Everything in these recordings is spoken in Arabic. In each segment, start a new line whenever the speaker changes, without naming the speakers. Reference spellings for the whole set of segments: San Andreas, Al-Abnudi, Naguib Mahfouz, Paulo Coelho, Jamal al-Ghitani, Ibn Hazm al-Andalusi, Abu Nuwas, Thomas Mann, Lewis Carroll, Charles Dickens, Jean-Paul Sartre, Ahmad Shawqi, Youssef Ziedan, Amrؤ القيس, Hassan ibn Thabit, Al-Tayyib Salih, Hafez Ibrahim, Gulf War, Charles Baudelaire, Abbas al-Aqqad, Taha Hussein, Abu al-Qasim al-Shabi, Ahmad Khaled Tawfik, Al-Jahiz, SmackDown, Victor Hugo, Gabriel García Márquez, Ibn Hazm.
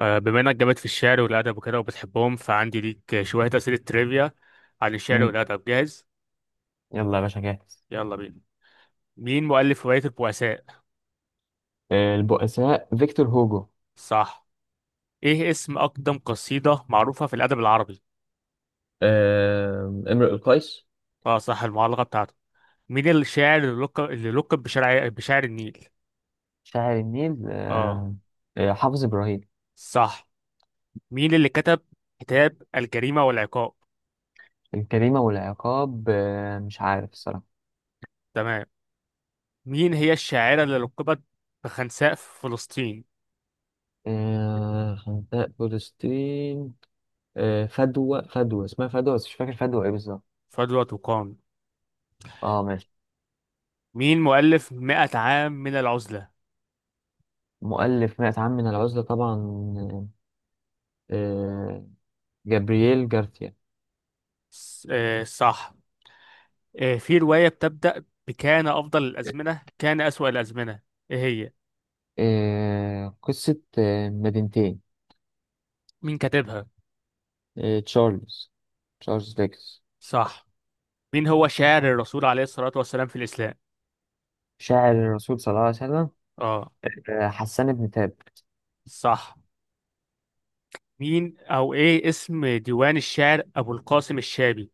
بما انك جامد في الشعر والادب وكده وبتحبهم فعندي ليك شويه اسئله ترivia عن الشعر
مم.
والادب. جاهز؟
يلا يا باشا جاهز.
يلا بينا. مين مؤلف روايه البؤساء؟
البؤساء فيكتور هوجو.
صح. ايه اسم اقدم قصيده معروفه في الادب العربي؟
امرؤ القيس.
اه صح، المعلقه بتاعته. مين الشاعر اللي لقب بشاعر النيل؟
شاعر النيل،
اه
حافظ إبراهيم.
صح. مين اللي كتب كتاب الجريمه والعقاب؟
الجريمة والعقاب، مش عارف الصراحة.
تمام. مين هي الشاعره اللي لقبت بخنساء في فلسطين؟
خندق فلسطين. فدوى اسمها فدوى، بس مش فاكر فدوى ايه بالظبط.
فضل وقام.
اه ماشي.
مين مؤلف مئة عام من العزلة؟
مؤلف مائة عام من العزلة طبعا، آه، آه، جابرييل جارثيا.
صح. آه، في رواية بتبدأ بكان أفضل الأزمنة كان أسوأ الأزمنة، إيه هي؟
قصة مدينتين.
مين كاتبها؟
آه، تشارلز تشارلز ديكنز.
صح. مين هو شاعر الرسول عليه الصلاة والسلام في الإسلام؟
شاعر الرسول صلى الله عليه وسلم،
آه
حسان بن ثابت.
صح. مين أو إيه اسم ديوان الشعر أبو القاسم الشابي؟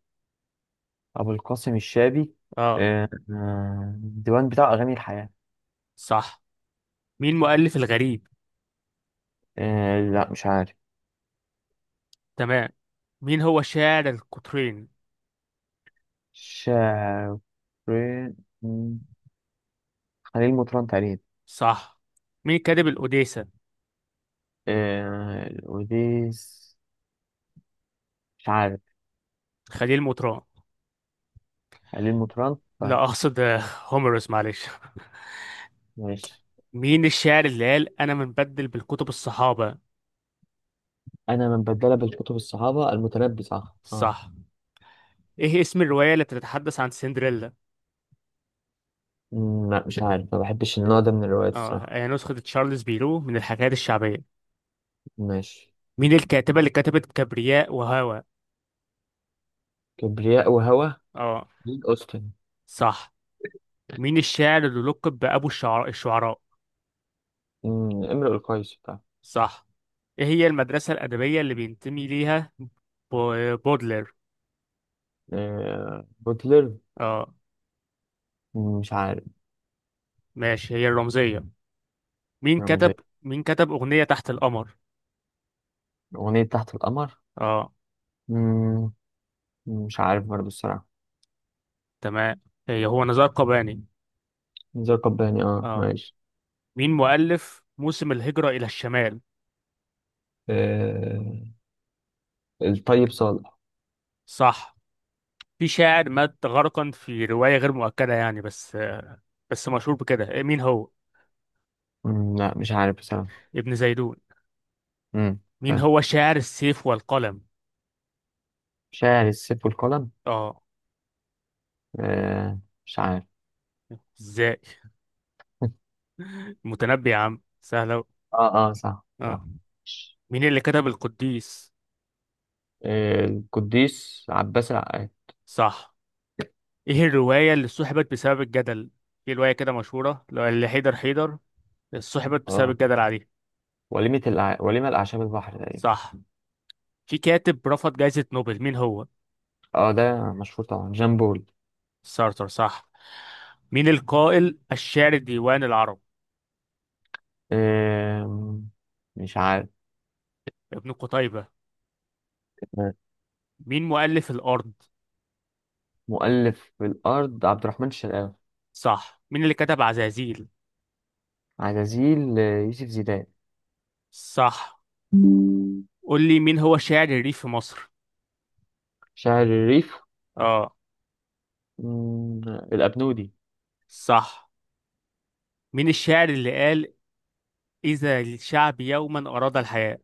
أبو القاسم الشابي،
آه
الديوان بتاع أغاني الحياة.
صح. مين مؤلف الغريب؟
لا مش عارف.
تمام. مين هو شاعر القطرين؟
شاعر، مم، خليل مطران تقريبا.
صح. مين كاتب الأوديسة؟
الأوديس، مش عارف.
خليل مطران،
خليل مطران طيب.
لا أقصد هوميروس، معلش.
ماشي.
مين الشاعر اللي قال أنا منبدل بالكتب الصحابة؟
أنا من بدل بالكتب الصحابة المتنبي صح اه.
صح. إيه اسم الرواية التي تتحدث عن سندريلا؟
لا مش عارف، ما بحبش النوع ده من الروايات
اه
الصراحة.
هي نسخة تشارلز بيرو من الحكايات الشعبية.
ماشي.
مين الكاتبة اللي كتبت كبرياء وهوى؟
كبرياء وهوى،
اه
جيل أوستن.
صح. مين الشاعر اللي لقب بأبو الشعر الشعراء؟
امرؤ القيس بتاع.
صح. إيه هي المدرسة الأدبية اللي بينتمي ليها بودلر؟
بوتلر،
اه
مش عارف.
ماشي، هي الرمزية. مين كتب
رمزية.
مين كتب أغنية تحت القمر؟
أغنية تحت القمر،
اه
مم، مش عارف برضه الصراحة.
تمام، هي هو نزار قباني.
نزار قباني اه
اه.
ماشي.
مين مؤلف موسم الهجرة إلى الشمال؟
آه، الطيب صالح.
صح. في شاعر مات غرقا في رواية غير مؤكدة يعني، بس مشهور بكده، مين هو؟
لا مش عارف بصراحة.
ابن زيدون.
مم،
مين
طيب.
هو شاعر السيف والقلم؟
شاعر السيف والقلم،
اه،
آه، مش عارف.
ازاي؟ متنبي يا عم، سهلة أوي.
اه اه صح
اه.
صح.
مين اللي كتب القديس؟
القديس عباس العقاد.
صح. ايه الرواية اللي سحبت بسبب الجدل؟ في رواية كده مشهورة اللي حيدر حيدر سحبت بسبب
اه،
الجدل عليه.
وليمة الأعشاب البحر تقريبا.
صح. في كاتب رفض جائزة نوبل، مين هو؟
اه ده مشهور طبعا جامبول.
سارتر، صح. مين القائل الشاعر ديوان العرب؟
آه، مش عارف.
ابن قتيبة. مين مؤلف الأرض؟
مؤلف الأرض عبد الرحمن الشرقاوي.
صح. مين اللي كتب عزازيل؟
عزازيل، يوسف زيدان.
صح. قول لي مين هو شاعر الريف في مصر؟
شاعر الريف،
اه
مم، الأبنودي.
صح. مين الشاعر اللي قال إذا الشعب يوما أراد الحياة؟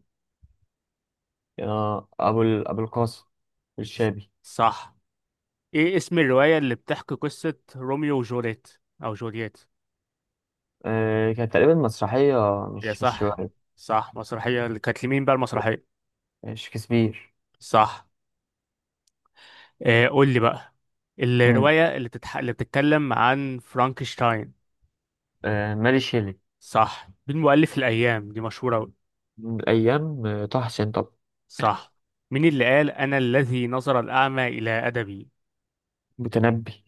أبو القاسم الشابي.
صح. ايه اسم الرواية اللي بتحكي قصة روميو وجوليت أو جولييت؟
كانت تقريبا مسرحية،
يا
مش
صح،
رواية.
صح، مسرحية. اللي كانت لمين بقى المسرحية؟
شكسبير.
صح. آه قول لي بقى
مم.
الرواية اللي بتتكلم عن فرانكشتاين.
ماري شيلي.
صح. مين مؤلف الأيام؟ دي مشهورة أوي.
من الأيام، طه حسين طبعا.
صح. مين اللي قال أنا الذي نظر الأعمى إلى أدبي؟
متنبي.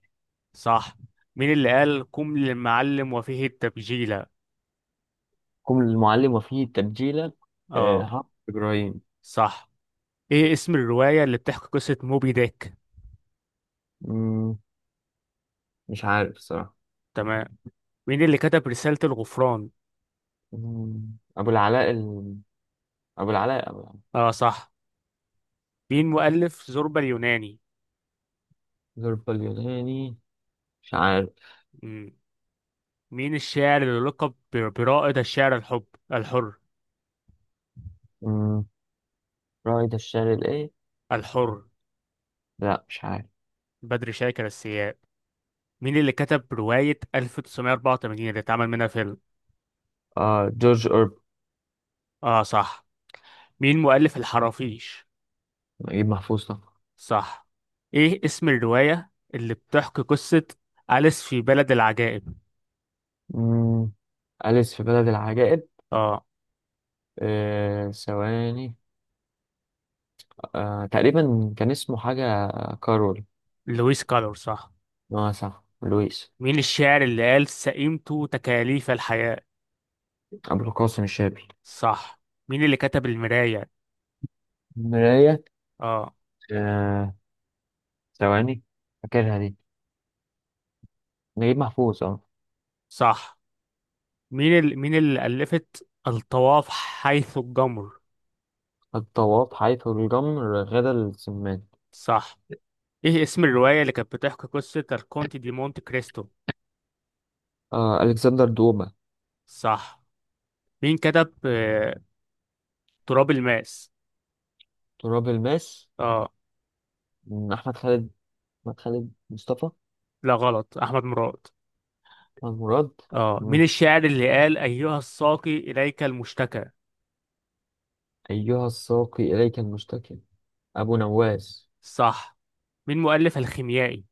صح. مين اللي قال قم للمعلم وفيه التبجيلة؟
كم المعلم وفيه تبجيلة،
اه
ها إبراهيم.
صح. إيه اسم الرواية اللي بتحكي قصة موبي ديك؟
مم، مش عارف الصراحة.
تمام. مين اللي كتب رسالة الغفران؟
مم، أبو العلاء ال... أبو العلاء أبو العلاء.
اه صح. مين مؤلف زوربا اليوناني؟
ظرف اليوناني، مش عارف.
مم. مين الشاعر اللي لقب برائد الشعر الحر؟
مم. رائد الشعر الايه؟
الحر،
لا مش عارف.
بدر شاكر السياب. مين اللي كتب رواية 1984 اللي اتعمل منها فيلم؟
جورج أورب.
اه صح. مين مؤلف الحرافيش؟
نجيب محفوظ طبعا.
صح. ايه اسم الرواية اللي بتحكي قصة أليس في بلد العجائب؟
مم. أليس في بلد العجائب،
اه،
ثواني. تقريبا كان اسمه حاجة، كارول.
لويس كالور صح.
اه صح لويس.
مين الشاعر اللي قال سئمت تكاليف الحياة؟
أبو القاسم الشابي.
صح. مين اللي كتب المراية؟
مراية،
اه
آه ثواني، فاكرها دي، نجيب محفوظ اه.
صح. مين اللي ألفت الطواف حيث الجمر؟
الطواف حيث الجمر غدا السمان.
صح. ايه اسم الرواية اللي كانت بتحكي قصة الكونت دي مونت كريستو؟
ألكسندر دوما.
صح. مين كتب تراب الماس؟
تراب الماس،
اه
مم، أحمد خالد أحمد خالد مصطفى.
لا غلط، احمد مراد.
المراد.
اه.
مم.
مين الشاعر اللي قال ايها الساقي اليك المشتكى؟
أيها الساقي إليك المشتكي، أبو نواس.
صح. مين مؤلف الخيميائي؟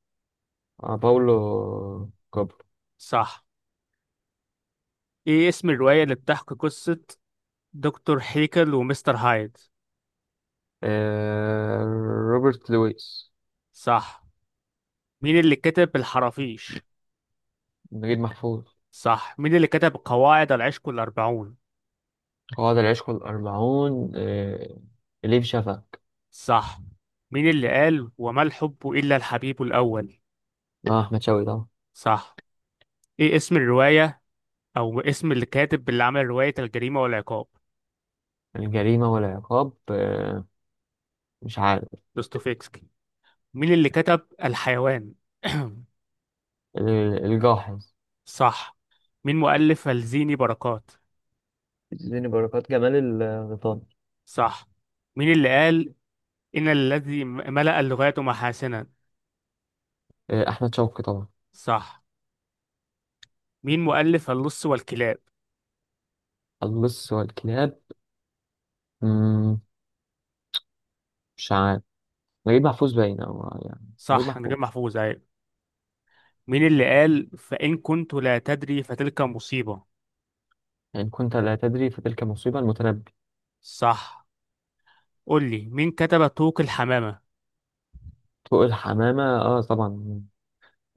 باولو كوبر.
صح. ايه اسم الرواية اللي بتحكي قصة دكتور هيكل ومستر هايد؟
آه روبرت لويس.
صح. مين اللي كتب الحرافيش؟
نجيب محفوظ.
صح. مين اللي كتب قواعد العشق الأربعون؟
قواعد العشق الأربعون، إليف شفق.
صح. مين اللي قال وما الحب إلا الحبيب الأول؟
أحمد شوقي طبعا.
صح. ايه اسم الرواية او اسم اللي كاتب اللي عمل رواية الجريمة والعقاب؟
الجريمة والعقاب، مش عارف.
دوستويفسكي. مين اللي كتب الحيوان؟
الجاحظ.
صح. مين مؤلف الزيني بركات؟
اديني بركات جمال الغيطان.
صح. مين اللي قال إن الذي ملأ اللغات محاسنا؟
أحمد شوقي طبعا.
صح. مين مؤلف اللص والكلاب؟
اللص والكلاب، مم، مش عارف، نجيب محفوظ باين أو يعني نجيب
صح،
محفوظ.
نجيب محفوظ أيوة. مين اللي قال فإن كنت لا تدري فتلك مصيبة؟
إن كنت لا تدري فتلك مصيبة المتنبي.
صح. قول لي مين كتب طوق الحمامة؟
طوق الحمامة طبعا،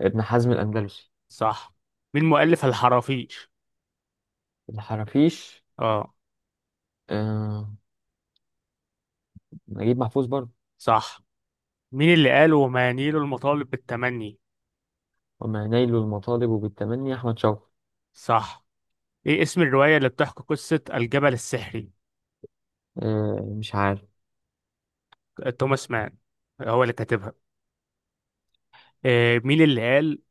ابن حزم الأندلسي.
صح. مين مؤلف الحرافيش؟
الحرافيش،
اه
آه نجيب محفوظ برضه.
صح. مين اللي قال وما ينيل المطالب بالتمني؟
وما نيل المطالب بالتمني أحمد شوقي.
صح. ايه اسم الرواية اللي بتحكي قصة الجبل السحري؟
مش عارف.
توماس مان هو اللي كاتبها. إيه مين اللي قال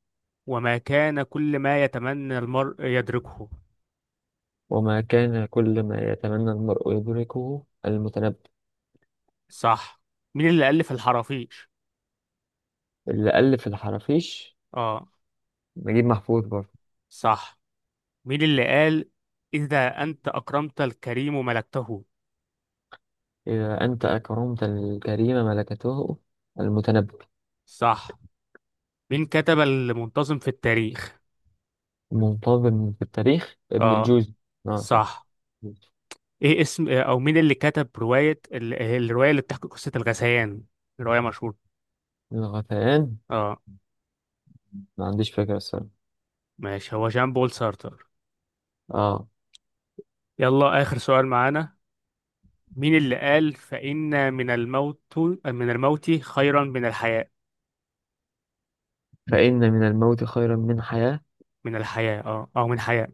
وما كان كل ما يتمنى المرء يدركه؟
وما كان كل ما يتمنى المرء يدركه المتنبي.
صح. مين اللي ألف الحرافيش؟
اللي ألف الحرافيش
اه
نجيب محفوظ برضه.
صح. مين اللي قال إذا أنت أكرمت الكريم ملكته؟
إذا أنت أكرمت الكريم ملكته المتنبي.
صح. مين كتب المنتظم في التاريخ؟
منتظم في التاريخ ابن
اه
الجوزي، صح.
صح. ايه اسم او مين اللي كتب رواية الرواية اللي بتحكي قصة الغثيان؟ رواية مشهورة.
الغثيان،
اه
ما عنديش فكرة الصراحة.
ماشي، هو جان بول سارتر.
اه.
يلا آخر سؤال معانا، مين اللي قال فإن من الموت خيرا من الحياة؟
فإن من الموت خيرا من حياة،
اه او من حياة.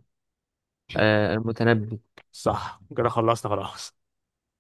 المتنبي.
صح، كده خلصنا خلاص.